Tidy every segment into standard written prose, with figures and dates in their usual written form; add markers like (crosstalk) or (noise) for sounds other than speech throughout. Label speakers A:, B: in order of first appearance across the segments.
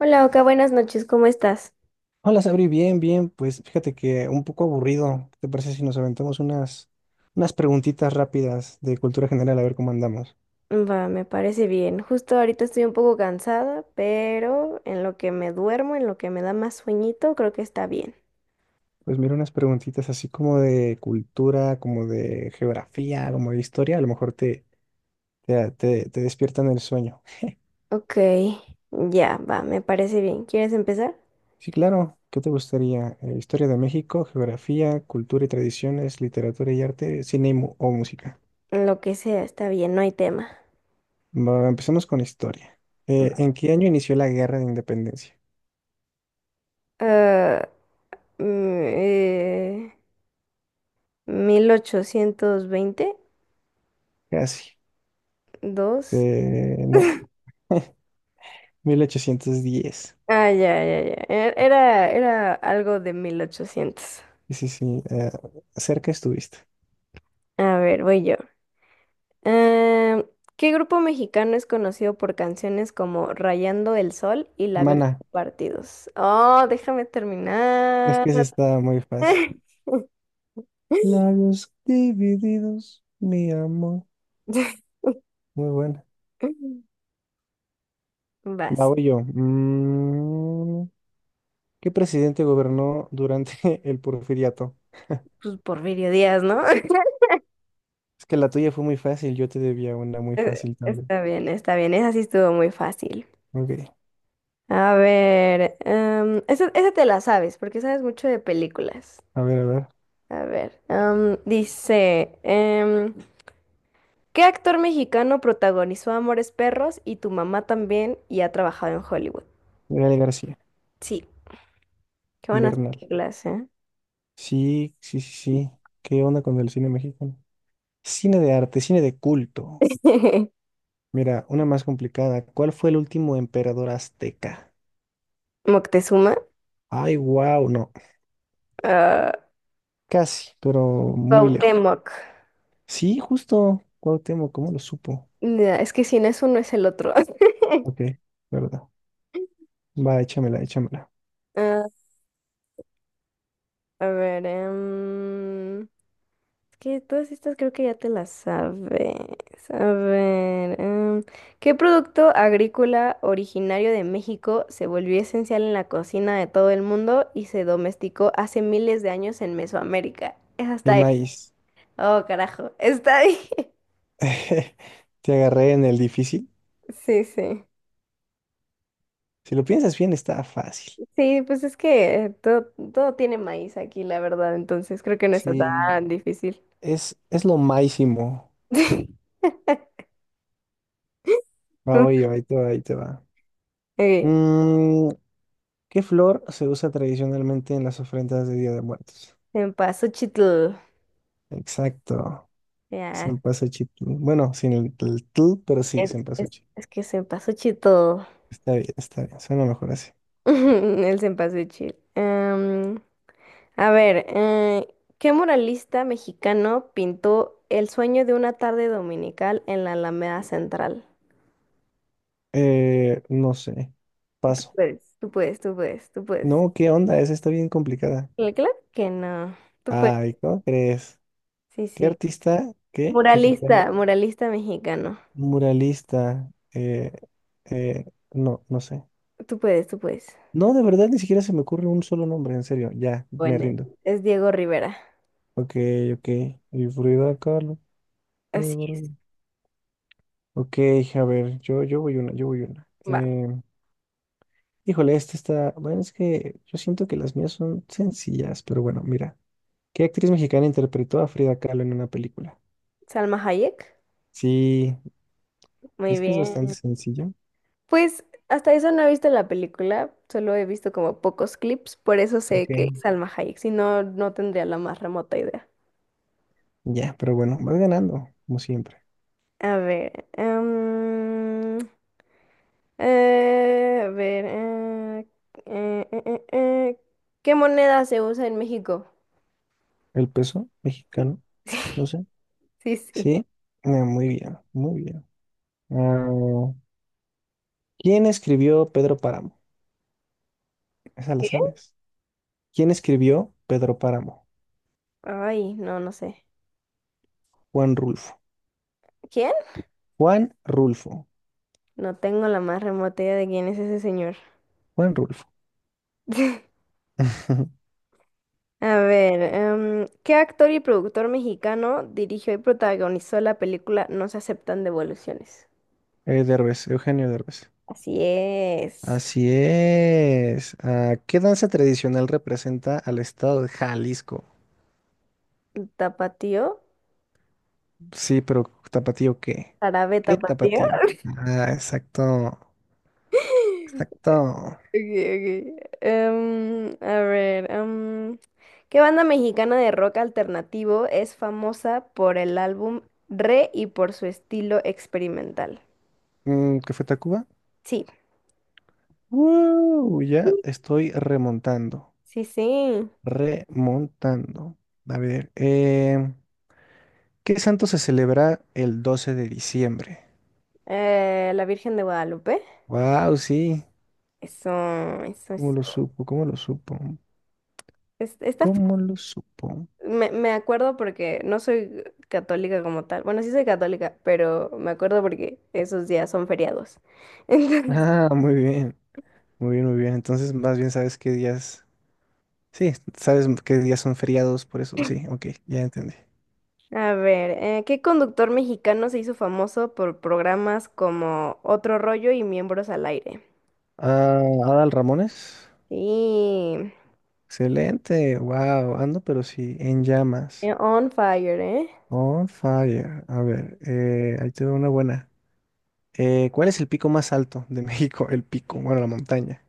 A: Hola, Oka, buenas noches, ¿cómo estás?
B: Hola, Sabri, bien, bien. Pues fíjate que un poco aburrido. ¿Qué te parece si nos aventamos unas preguntitas rápidas de cultura general a ver cómo andamos?
A: Va, me parece bien. Justo ahorita estoy un poco cansada, pero en lo que me duermo, en lo que me da más sueñito, creo que está bien.
B: Pues mira, unas preguntitas así como de cultura, como de geografía, como de historia. A lo mejor te despiertan el sueño.
A: Ok, ya, va, me parece bien. ¿Quieres empezar?
B: Sí, claro. ¿Qué te gustaría? Historia de México, geografía, cultura y tradiciones, literatura y arte, cine y o música.
A: Lo que sea, está bien, no hay tema.
B: Bueno, empecemos con historia.
A: Va.
B: ¿En qué año inició la Guerra de Independencia?
A: Ah, mm, eh, mil ochocientos veinte
B: Casi.
A: dos.
B: No. 1810.
A: Ah, ya, ya, ya. Era algo de 1800.
B: Sí, sí, sí. Cerca estuviste.
A: A ver, voy yo. Eh, ¿Qué grupo mexicano es conocido por canciones como Rayando el Sol y Labios
B: Mana,
A: Partidos? Oh, déjame
B: es
A: terminar.
B: que se está muy fácil.
A: (laughs)
B: Labios divididos, mi amor. Muy buena. Va,
A: Vas.
B: voy yo. ¿Qué presidente gobernó durante (laughs) el porfiriato?
A: Pues Porfirio Díaz, ¿no? (laughs)
B: Es que la tuya fue muy fácil, yo te debía una muy fácil también.
A: Está bien, está bien. Esa sí estuvo muy fácil.
B: Ok,
A: A ver, esa te la sabes, porque sabes mucho de películas.
B: a ver, a ver.
A: A ver, dice, ¿qué actor mexicano protagonizó Amores Perros y Tu Mamá También y ha trabajado en Hollywood?
B: Gael García,
A: Sí, qué buenas
B: Bernal.
A: películas, ¿eh?
B: Sí, sí, sí, sí. ¿Qué onda con el cine mexicano? Cine de arte, cine de culto.
A: (laughs)
B: Mira, una más complicada. ¿Cuál fue el último emperador azteca?
A: Moctezuma,
B: Ay, wow, no.
A: ah,
B: Casi, pero muy lejos.
A: Cuauhtémoc.
B: Sí, justo. Cuauhtémoc, ¿cómo lo supo?
A: Ya, es que si no es uno es el otro. (laughs)
B: Ok, verdad. Va, échamela, échamela.
A: Ah, a ver, que todas estas creo que ya te las sabes. A ver, ¿qué producto agrícola originario de México se volvió esencial en la cocina de todo el mundo y se domesticó hace miles de años en Mesoamérica? Esa está
B: El
A: ahí.
B: maíz.
A: Oh, carajo, está ahí. (laughs)
B: (laughs) Te agarré en el difícil.
A: Sí, sí.
B: Si lo piensas bien, está fácil.
A: Sí, pues es que todo tiene maíz aquí, la verdad, entonces creo que no está
B: Sí,
A: tan difícil.
B: es lo máximo.
A: (laughs)
B: Va, oye, ahí te va, ahí te va.
A: Ok,
B: Mm, ¿Qué flor se usa tradicionalmente en las ofrendas de Día de Muertos?
A: en Chitl.
B: Exacto.
A: Ya,
B: Senpazuchi. Bueno, sin el, el tú, pero sí,
A: Es, es,
B: Senpazuchi.
A: es que Senpasuchi todo.
B: Está bien, está bien. Suena mejor así.
A: (laughs) El Senpasuchi. A ver, ¿qué muralista mexicano pintó El Sueño de una Tarde Dominical en la Alameda Central?
B: No sé. Paso.
A: Puedes. Tú puedes, tú puedes, tú puedes.
B: No, ¿qué onda? Esa está bien complicada.
A: Claro que no. Tú puedes.
B: Ay, ¿cómo crees?
A: Sí,
B: ¿Qué
A: sí.
B: artista? ¿Qué? Mexicano.
A: Muralista, muralista mexicano.
B: Muralista. Eh, no, no sé.
A: Tú puedes, tú puedes.
B: No, de verdad, ni siquiera se me ocurre un solo nombre, en serio. Ya, me
A: Bueno,
B: rindo.
A: es Diego Rivera.
B: Ok, ok. Y Frida Kahlo.
A: Así es.
B: Bueno. Ok, a ver, yo voy una, yo voy una.
A: Va.
B: Híjole, esta está. Bueno, es que yo siento que las mías son sencillas, pero bueno, mira. ¿Qué actriz mexicana interpretó a Frida Kahlo en una película?
A: Salma Hayek.
B: Sí,
A: Muy
B: es que es
A: bien.
B: bastante sencillo.
A: Pues hasta eso no he visto la película, solo he visto como pocos clips, por eso sé que es
B: Ok.
A: Salma Hayek, si no, no tendría la más remota idea.
B: Ya, pero bueno, vas ganando, como siempre.
A: A ver, eh, a ver, eh, eh, eh, eh, eh, ¿qué moneda se usa en México?
B: El peso mexicano, no
A: (laughs)
B: sé.
A: Sí, sí.
B: Sí, ah, muy bien, muy bien. Ah, ¿quién escribió Pedro Páramo? Esa la
A: ¿Qué?
B: sabes. ¿Quién escribió Pedro Páramo?
A: Ay, no, no sé.
B: Juan Rulfo.
A: ¿Quién?
B: Juan Rulfo.
A: No tengo la más remota idea de quién es ese señor.
B: Juan Rulfo.
A: (laughs)
B: (laughs)
A: A ver, ¿qué actor y productor mexicano dirigió y protagonizó la película No Se Aceptan Devoluciones?
B: Derbez, Eugenio Derbez.
A: Así es.
B: Así es. Ah, ¿qué danza tradicional representa al estado de Jalisco?
A: ¿Tapatío?
B: Sí, pero ¿tapatío qué?
A: ¿Árabe
B: ¿Qué
A: tapatío?
B: tapatío? Ah, exacto.
A: (laughs)
B: Exacto.
A: Okay, ok. A ver, ¿qué banda mexicana de rock alternativo es famosa por el álbum Re y por su estilo experimental?
B: ¿Qué fue Tacuba?
A: Sí,
B: ¡Woo! Ya estoy remontando.
A: sí, sí.
B: Remontando. A ver, ¿qué santo se celebra el 12 de diciembre?
A: La Virgen de Guadalupe.
B: Wow, sí.
A: Eso, eso, eso.
B: ¿Cómo lo supo? ¿Cómo lo supo?
A: Es- Está
B: ¿Cómo lo supo?
A: Me acuerdo porque no soy católica como tal. Bueno, sí soy católica, pero me acuerdo porque esos días son feriados. (laughs) Entonces,
B: Ah, muy bien. Muy bien, muy bien. Entonces, más bien sabes qué días. Sí, sabes qué días son feriados, por eso sí, ok, ya entendí.
A: a ver, ¿qué conductor mexicano se hizo famoso por programas como Otro Rollo y Miembros al Aire?
B: Ah, Adal Ramones.
A: Sí,
B: Excelente, wow, ando, pero sí, en llamas.
A: on fire, ¿eh?
B: On fire. A ver, ahí te veo una buena. ¿Cuál es el pico más alto de (laughs) México? El pico, bueno, la montaña.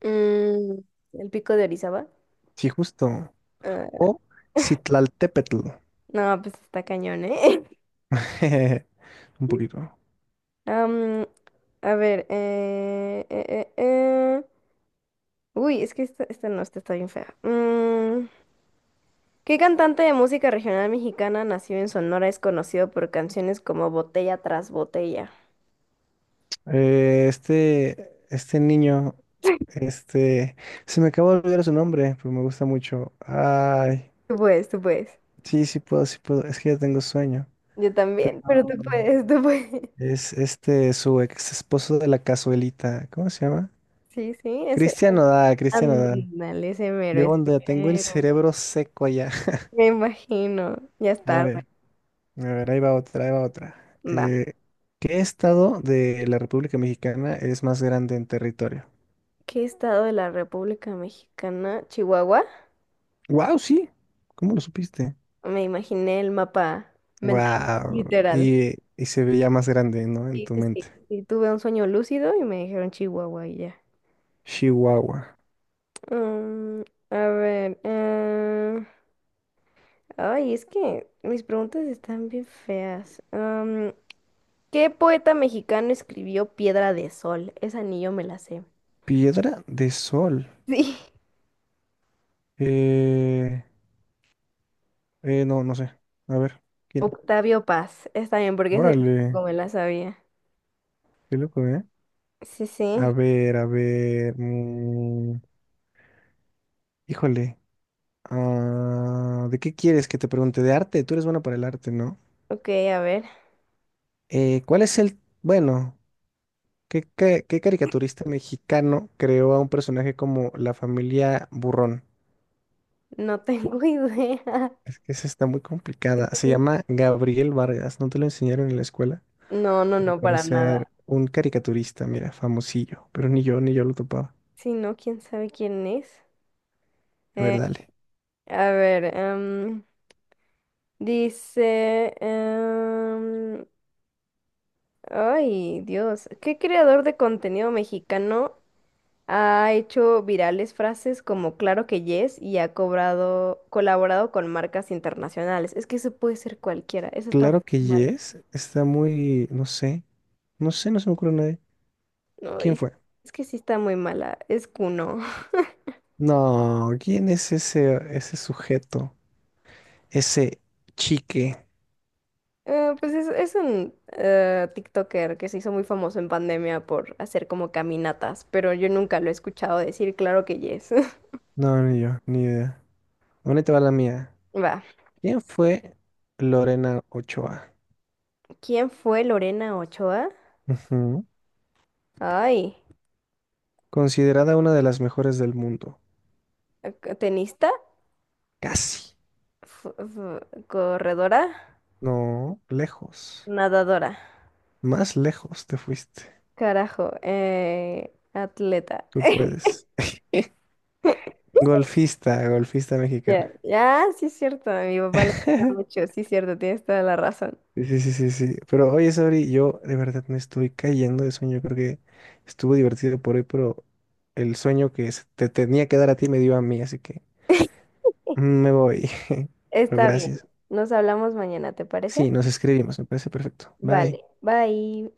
A: Mm, ¿El pico de Orizaba?
B: Sí, justo.
A: Ah,
B: O Citlaltépetl.
A: no, pues está cañón, ¿eh?
B: (laughs) Un
A: (laughs)
B: poquito.
A: Am, a ver. Uy, es que esta no, esta está bien fea. ¿Qué cantante de música regional mexicana nació en Sonora es conocido por canciones como Botella tras Botella?
B: Este niño, este, se me acabó de olvidar su nombre, pero me gusta mucho. Ay,
A: Tú puedes, tú puedes.
B: sí, sí puedo, es que ya tengo sueño.
A: Yo
B: Pero
A: también, pero tú puedes, tú puedes. (laughs)
B: es este, su ex esposo de la cazuelita, ¿cómo se llama?
A: Sí, sí, ese.
B: Cristian Nodal, Cristian Nodal.
A: Ándale, ese mero,
B: ¿Qué
A: ese
B: onda? Tengo el
A: mero.
B: cerebro seco ya. (laughs)
A: Me imagino. Ya
B: A
A: está.
B: ver, a ver, ahí va otra, ahí va otra.
A: Va.
B: ¿Qué estado de la República Mexicana es más grande en territorio?
A: ¿Qué estado de la República Mexicana? ¿Chihuahua?
B: Wow, sí, ¿cómo lo supiste?
A: Me imaginé el mapa mental,
B: Wow.
A: literal.
B: Y se veía más grande, ¿no? En
A: Sí,
B: tu
A: sí, sí.
B: mente.
A: Y tuve un sueño lúcido y me dijeron Chihuahua y ya.
B: Chihuahua.
A: Mm, a ver. Ay, es que mis preguntas están bien feas. ¿Qué poeta mexicano escribió Piedra de Sol? Esa ni yo me la sé. (laughs)
B: Piedra de sol.
A: Sí.
B: Eh, no, no sé. A ver. ¿Quién?
A: Octavio Paz. Está bien, porque ese tampoco
B: Órale.
A: me la sabía.
B: Qué loco, ¿eh?
A: Sí,
B: A
A: sí.
B: ver, a ver. Híjole. Ah, ¿de qué quieres que te pregunte? De arte. Tú eres bueno para el arte, ¿no?
A: Ok, a ver.
B: ¿Cuál es el... Bueno, ¿qué caricaturista mexicano creó a un personaje como la familia Burrón?
A: No tengo (laughs) idea.
B: Es que esa está muy complicada. Se llama Gabriel Vargas. ¿No te lo enseñaron en la escuela?
A: No, no,
B: Al
A: no, para
B: parecer,
A: nada.
B: un caricaturista, mira, famosillo. Pero ni yo lo topaba.
A: Si no, quién sabe quién es.
B: A
A: Eh,
B: ver, dale.
A: a ver, dice. Ay, Dios. ¿Qué creador de contenido mexicano ha hecho virales frases como claro que yes y ha colaborado con marcas internacionales? Es que eso puede ser cualquiera. Esa está
B: Claro que
A: muy mala.
B: Yes está muy, no sé. No sé, no se me ocurre nadie.
A: No,
B: ¿Quién fue?
A: es que sí está muy mala. Es Kuno. (laughs)
B: No, ¿quién es ese, ese sujeto? Ese chique.
A: Pues es un TikToker que se hizo muy famoso en pandemia por hacer como caminatas, pero yo nunca lo he escuchado decir claro que yes. (laughs)
B: No, ni yo, ni idea. ¿Dónde te va la mía?
A: Va.
B: ¿Quién fue Lorena Ochoa?
A: ¿Quién fue Lorena Ochoa?
B: Ujú.
A: Ay,
B: Considerada una de las mejores del mundo.
A: ¿tenista?
B: Casi.
A: F- f- ¿Corredora?
B: No, lejos.
A: Nadadora.
B: Más lejos te fuiste.
A: Carajo, atleta.
B: Tú puedes. (laughs)
A: (laughs)
B: Golfista, golfista mexicana.
A: Ya, ya, sí es cierto, a mi papá le gusta
B: (laughs)
A: mucho, sí es cierto, tienes toda la razón.
B: Sí, sí, sí, sí, sí. Pero oye, Sabri, yo de verdad me estoy cayendo de sueño. Creo que estuvo divertido por hoy, pero el sueño que se te tenía que dar a ti me dio a mí, así que mm, me voy. (laughs) Pero
A: Está bien,
B: gracias.
A: nos hablamos mañana, ¿te parece?
B: Sí, nos escribimos, me parece perfecto. Bye.
A: Vale, bye.